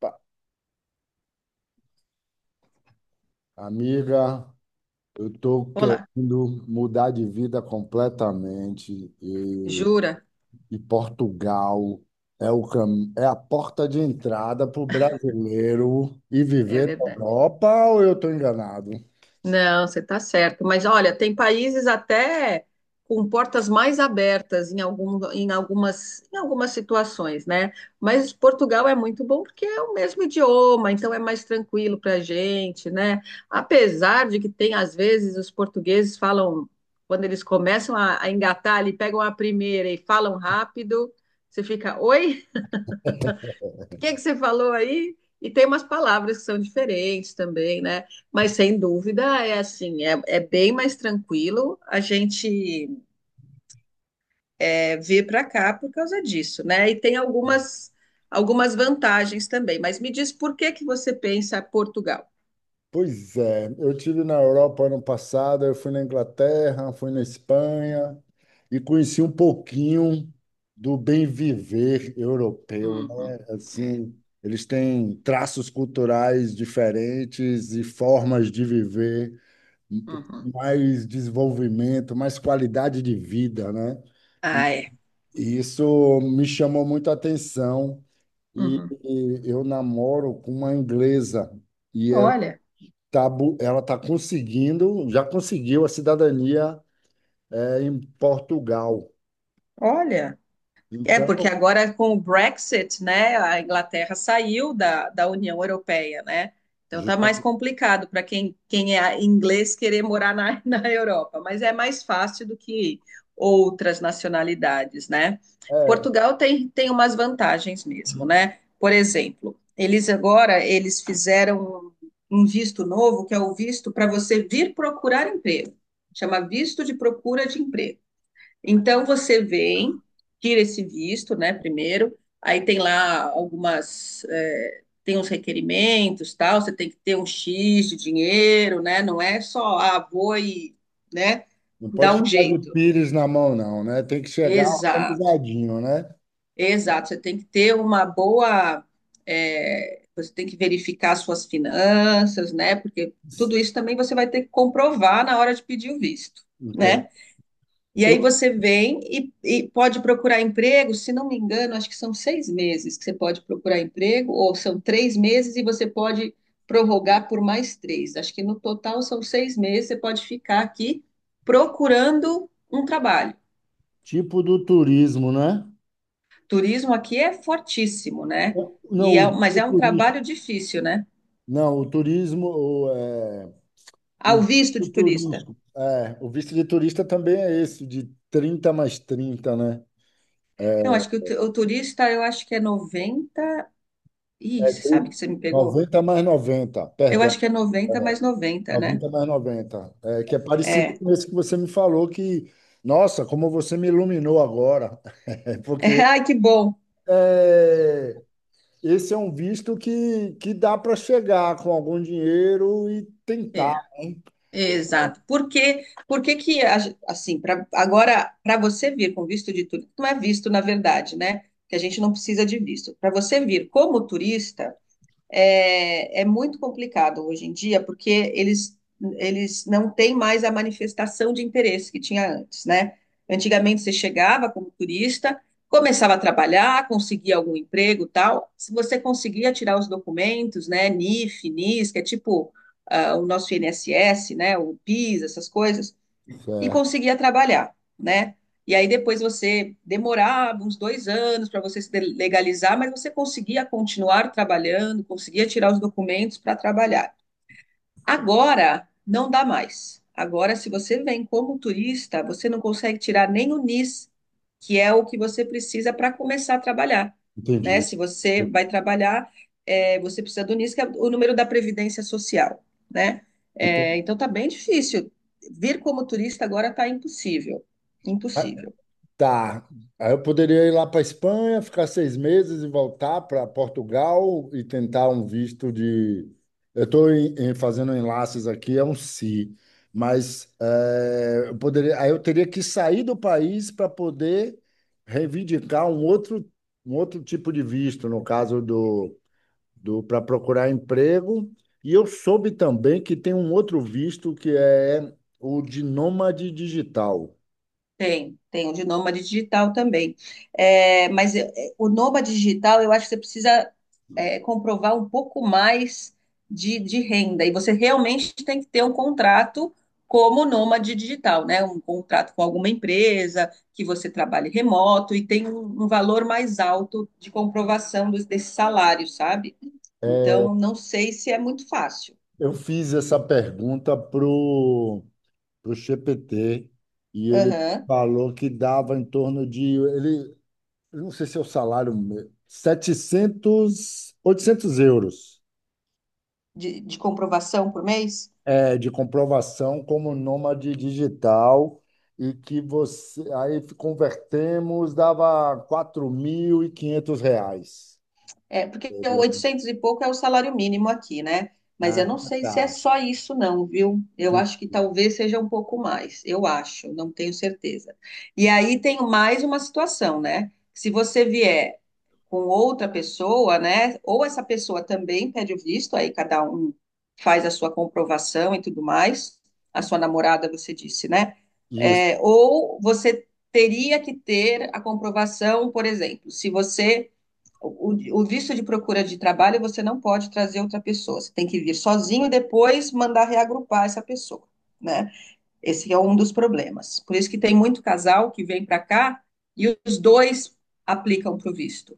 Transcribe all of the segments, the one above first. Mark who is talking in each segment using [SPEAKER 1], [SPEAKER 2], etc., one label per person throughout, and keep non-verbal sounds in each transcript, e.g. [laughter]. [SPEAKER 1] Pa- Amiga, eu estou
[SPEAKER 2] Olá,
[SPEAKER 1] querendo mudar de vida completamente e,
[SPEAKER 2] jura?
[SPEAKER 1] e Portugal é o é a porta de entrada para o brasileiro e
[SPEAKER 2] É
[SPEAKER 1] viver na
[SPEAKER 2] verdade.
[SPEAKER 1] Europa, ou eu estou enganado?
[SPEAKER 2] Não, você está certo. Mas olha, tem países até com portas mais abertas em algumas situações, né? Mas Portugal é muito bom porque é o mesmo idioma, então é mais tranquilo para a gente, né? Apesar de que tem, às vezes, os portugueses falam, quando eles começam a engatar ali, pegam a primeira e falam rápido, você fica, oi? Que você falou aí? E tem umas palavras que são diferentes também, né? Mas sem dúvida é assim, é bem mais tranquilo a gente vir para cá por causa disso, né? E tem algumas vantagens também. Mas me diz por que que você pensa Portugal?
[SPEAKER 1] Pois é, eu tive na Europa ano passado, eu fui na Inglaterra, fui na Espanha e conheci um pouquinho do bem viver europeu,
[SPEAKER 2] Uhum,
[SPEAKER 1] né?
[SPEAKER 2] é,
[SPEAKER 1] Assim, eles têm traços culturais diferentes e formas de viver,
[SPEAKER 2] uhum.
[SPEAKER 1] um mais desenvolvimento, mais qualidade de vida, né? E
[SPEAKER 2] Ah, é.
[SPEAKER 1] e isso me chamou muita atenção, e
[SPEAKER 2] Uhum.
[SPEAKER 1] e eu namoro com uma inglesa. E ela
[SPEAKER 2] Olha,
[SPEAKER 1] ela está conseguindo, já conseguiu a cidadania, em Portugal.
[SPEAKER 2] olha. É, porque
[SPEAKER 1] Então,
[SPEAKER 2] agora com o Brexit, né, a Inglaterra saiu da União Europeia, né? Então tá mais
[SPEAKER 1] justamente,
[SPEAKER 2] complicado para quem é inglês querer morar na, [laughs] na Europa, mas é mais fácil do que outras nacionalidades, né?
[SPEAKER 1] é,
[SPEAKER 2] Portugal tem umas vantagens mesmo, né? Por exemplo, eles agora eles fizeram um um visto novo, que é o visto para você vir procurar emprego. Chama visto de procura de emprego. Então você vem, tira esse visto, né, primeiro, aí tem lá tem uns requerimentos, tal, você tem que ter um X de dinheiro, né, não é só, vou e, né,
[SPEAKER 1] não
[SPEAKER 2] dá
[SPEAKER 1] pode
[SPEAKER 2] um
[SPEAKER 1] ficar de
[SPEAKER 2] jeito.
[SPEAKER 1] pires na mão, não, né? Tem que chegar
[SPEAKER 2] Exato,
[SPEAKER 1] organizadinho, né?
[SPEAKER 2] exato, você tem que ter uma boa, eh, você tem que verificar suas finanças, né, porque tudo isso também você vai ter que comprovar na hora de pedir o visto,
[SPEAKER 1] Entende?
[SPEAKER 2] né? E
[SPEAKER 1] Eu,
[SPEAKER 2] aí você vem e pode procurar emprego, se não me engano, acho que são 6 meses que você pode procurar emprego, ou são 3 meses e você pode prorrogar por mais três. Acho que no total são 6 meses, você pode ficar aqui procurando um trabalho.
[SPEAKER 1] tipo do turismo, né?
[SPEAKER 2] Turismo aqui é fortíssimo, né? E é-
[SPEAKER 1] Não,
[SPEAKER 2] mas
[SPEAKER 1] o
[SPEAKER 2] é um
[SPEAKER 1] turismo.
[SPEAKER 2] trabalho difícil, né?
[SPEAKER 1] Não, o turismo,
[SPEAKER 2] Ah,
[SPEAKER 1] o
[SPEAKER 2] o visto
[SPEAKER 1] visto
[SPEAKER 2] de turista.
[SPEAKER 1] turístico. É, o visto de turista também é esse, de 30 mais trinta, né?
[SPEAKER 2] Não, acho que o turista, eu acho que é 90. Ih,
[SPEAKER 1] É,
[SPEAKER 2] você sabe
[SPEAKER 1] 30
[SPEAKER 2] que você me pegou?
[SPEAKER 1] 90 mais noventa,
[SPEAKER 2] Eu
[SPEAKER 1] perdão.
[SPEAKER 2] acho que é
[SPEAKER 1] É.
[SPEAKER 2] 90 mais 90, né?
[SPEAKER 1] Noventa mais 90, é, que é
[SPEAKER 2] É.
[SPEAKER 1] parecido com esse que você me falou, que, nossa, como você me iluminou agora. [laughs] É
[SPEAKER 2] [laughs]
[SPEAKER 1] porque
[SPEAKER 2] Ai, que bom.
[SPEAKER 1] é, esse é um visto que dá para chegar com algum dinheiro e
[SPEAKER 2] É,
[SPEAKER 1] tentar, né?
[SPEAKER 2] é, exato. Porque que, a ge- assim, pra, agora, para você vir com visto de turista, não é visto, na verdade, né? Que a gente não precisa de visto. Para você vir como turista, é muito complicado hoje em dia, porque eles não têm mais a manifestação de interesse que tinha antes, né? Antigamente você chegava como turista, começava a trabalhar, conseguia algum emprego, tal. Se você conseguia tirar os documentos, né, NIF, NIS, que é tipo o nosso INSS, né, o PIS, essas coisas, e
[SPEAKER 1] Certo,
[SPEAKER 2] conseguia trabalhar, né? E aí depois você demorava uns dois anos para você se legalizar, mas você conseguia continuar trabalhando, conseguia tirar os documentos para trabalhar. Agora não dá mais. Agora, se você vem como turista, você não consegue tirar nem o NIS, que é o que você precisa para começar a trabalhar, né?
[SPEAKER 1] entendi.
[SPEAKER 2] Se você vai trabalhar, você precisa do NIS, que é o número da Previdência Social, né?
[SPEAKER 1] Eu tô-
[SPEAKER 2] Então tá bem difícil. Vir como turista agora tá impossível, impossível.
[SPEAKER 1] Tá. Aí eu poderia ir lá para Espanha, ficar 6 meses e voltar para Portugal e tentar um visto de. Eu estou fazendo enlaces aqui, é um se mas é, eu poderia. Aí eu teria que sair do país para poder reivindicar um outro tipo de visto, no caso do para procurar emprego. E eu soube também que tem um outro visto que é o de nômade digital.
[SPEAKER 2] Tem o de nômade digital também. É, mas o nômade digital, eu acho que você precisa comprovar um pouco mais de renda. E você realmente tem que ter um contrato como nômade digital, né? Um contrato com alguma empresa, que você trabalhe remoto e tem um valor mais alto de comprovação desse salário, sabe? Então, não sei se é muito fácil.
[SPEAKER 1] Eu fiz essa pergunta pro GPT e ele
[SPEAKER 2] Aham.
[SPEAKER 1] falou que dava em torno eu não sei se é o 700, 800 euros,
[SPEAKER 2] De comprovação por mês?
[SPEAKER 1] é, de comprovação como nômade digital, e que você aí convertemos dava R$ 4.500.
[SPEAKER 2] É, porque o
[SPEAKER 1] Né?
[SPEAKER 2] 800 e pouco é o salário mínimo aqui, né? Mas
[SPEAKER 1] Ah,
[SPEAKER 2] eu não sei se é
[SPEAKER 1] tá.
[SPEAKER 2] só isso, não, viu? Eu acho que talvez seja um pouco mais. Eu acho, não tenho certeza. E aí tem mais uma situação, né? Se você vier com outra pessoa, né? Ou essa pessoa também pede o visto, aí cada um faz a sua comprovação e tudo mais. A sua namorada, você disse, né?
[SPEAKER 1] Isso.
[SPEAKER 2] É, ou você teria que ter a comprovação, por exemplo, se você o visto de procura de trabalho, você não pode trazer outra pessoa. Você tem que vir sozinho e depois mandar reagrupar essa pessoa, né? Esse é um dos problemas. Por isso que tem muito casal que vem para cá e os dois aplicam para o visto,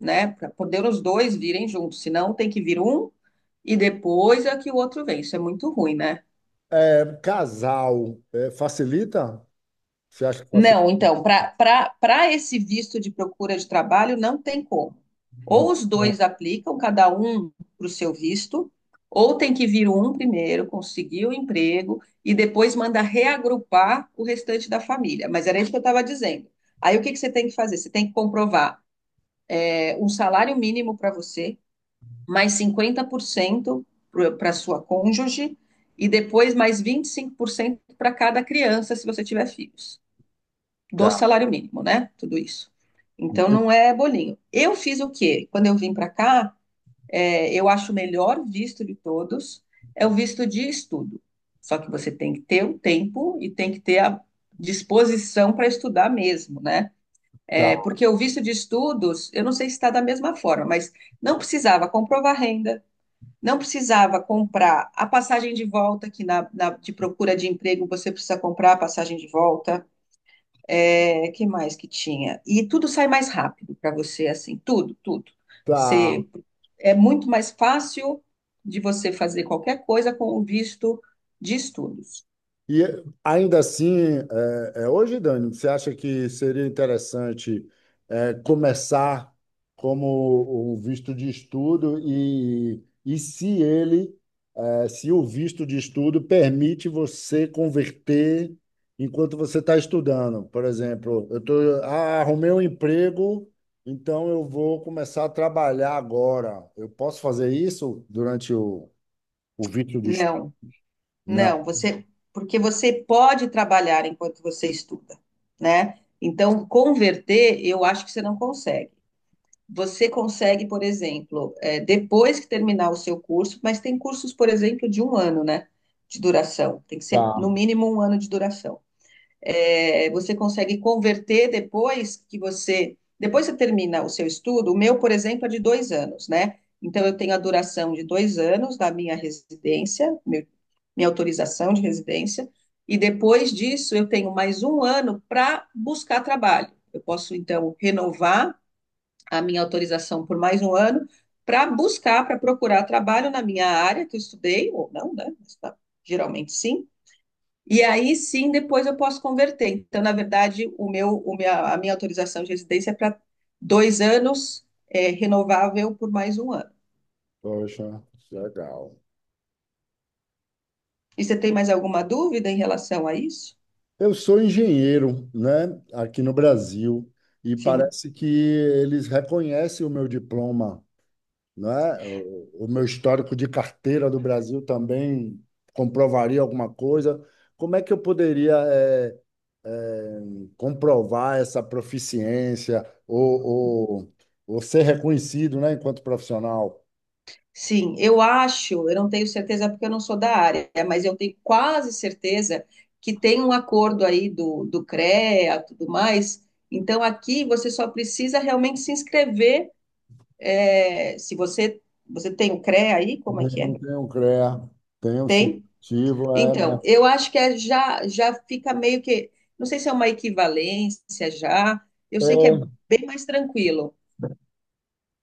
[SPEAKER 2] né? Para poder os dois virem juntos. Senão tem que vir um e depois é que o outro vem. Isso é muito ruim, né?
[SPEAKER 1] É, casal, é, facilita? Você acha que
[SPEAKER 2] Não, então, para esse visto de procura de trabalho, não tem como.
[SPEAKER 1] não.
[SPEAKER 2] Ou os dois aplicam, cada um para o seu visto, ou tem que vir um primeiro, conseguir o emprego, e depois manda reagrupar o restante da família. Mas era isso que eu estava dizendo. Aí o que que você tem que fazer? Você tem que comprovar é, um salário mínimo para você, mais 50% para sua cônjuge, e depois mais 25% para cada criança, se você tiver filhos do
[SPEAKER 1] Tá,
[SPEAKER 2] salário mínimo, né? Tudo isso. Então não é bolinho. Eu fiz o quê? Quando eu vim para cá, é, eu acho o melhor visto de todos é o visto de estudo. Só que você tem que ter o tempo e tem que ter a disposição para estudar mesmo, né?
[SPEAKER 1] tá,
[SPEAKER 2] É, porque o visto de estudos, eu não sei se está da mesma forma, mas não precisava comprovar renda, não precisava comprar a passagem de volta, que na, na- de procura de emprego você precisa comprar a passagem de volta, é, que mais que tinha? E tudo sai mais rápido para você, assim, tudo, tudo.
[SPEAKER 1] tá.
[SPEAKER 2] Você, é muito mais fácil de você fazer qualquer coisa com o visto de estudos.
[SPEAKER 1] E ainda assim, é, é, hoje, Dani, você acha que seria interessante é, começar como um visto de estudo e se ele, é, se o visto de estudo permite você converter enquanto você está estudando? Por exemplo, eu tô, ah, arrumei um emprego, então eu vou começar a trabalhar agora. Eu posso fazer isso durante o O Vitor diz,
[SPEAKER 2] Não,
[SPEAKER 1] não,
[SPEAKER 2] não, você, porque você pode trabalhar enquanto você estuda, né? Então, converter, eu acho que você não consegue. Você consegue, por exemplo, é, depois que terminar o seu curso, mas tem cursos, por exemplo, de um ano, né? De duração. Tem que ser
[SPEAKER 1] tá,
[SPEAKER 2] no mínimo um ano de duração. É, você consegue converter depois que você termina o seu estudo, o meu, por exemplo, é de 2 anos, né? Então, eu tenho a duração de 2 anos da minha residência, meu, minha autorização de residência, e depois disso eu tenho mais um ano para buscar trabalho. Eu posso, então, renovar a minha autorização por mais um ano para buscar, para procurar trabalho na minha área que eu estudei, ou não, né? Mas, tá, geralmente sim, e aí sim, depois eu posso converter. Então, na verdade, o meu, a minha autorização de residência é para 2 anos, é, renovável por mais um ano.
[SPEAKER 1] poxa, legal.
[SPEAKER 2] E você tem mais alguma dúvida em relação a isso?
[SPEAKER 1] Eu sou engenheiro, né, aqui no Brasil, e
[SPEAKER 2] Sim.
[SPEAKER 1] parece que eles reconhecem o meu diploma, né? O meu histórico de carteira do Brasil também comprovaria alguma coisa. Como é que eu poderia, eh, eh, comprovar essa proficiência, ou, ou ser reconhecido, né, enquanto profissional?
[SPEAKER 2] Sim, eu acho, eu não tenho certeza porque eu não sou da área, mas eu tenho quase certeza que tem um acordo aí do CREA, e tudo mais. Então, aqui você só precisa realmente se inscrever. Se você tem o CREA aí, como é que
[SPEAKER 1] Não
[SPEAKER 2] é?
[SPEAKER 1] tenho CREA, tenho sim.
[SPEAKER 2] Tem?
[SPEAKER 1] Ativo, é.
[SPEAKER 2] Então, eu acho que é já, já fica meio que. Não sei se é uma equivalência já. Eu
[SPEAKER 1] É,
[SPEAKER 2] sei que é bem mais tranquilo.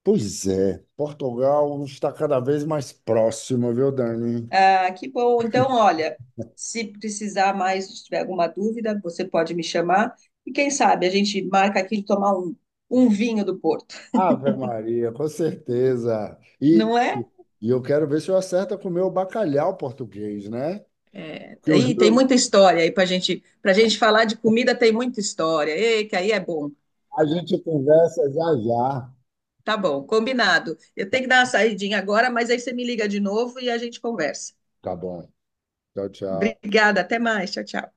[SPEAKER 1] pois é, Portugal está cada vez mais próximo, viu, Dani?
[SPEAKER 2] Ah, que bom. Então, olha, se precisar mais, se tiver alguma dúvida, você pode me chamar. E quem sabe a gente marca aqui de tomar um vinho do Porto,
[SPEAKER 1] Ave Maria, com certeza. E
[SPEAKER 2] não é?
[SPEAKER 1] e eu quero ver se eu acerto com o meu bacalhau português, né? Que eu
[SPEAKER 2] Aí tem
[SPEAKER 1] juro,
[SPEAKER 2] muita história aí para gente falar de comida, tem muita história. Ei, que aí é bom.
[SPEAKER 1] a gente conversa já já.
[SPEAKER 2] Tá bom, combinado. Eu tenho que dar uma saidinha agora, mas aí você me liga de novo e a gente conversa.
[SPEAKER 1] Tá bom. Tchau, tchau.
[SPEAKER 2] Obrigada, até mais. Tchau, tchau.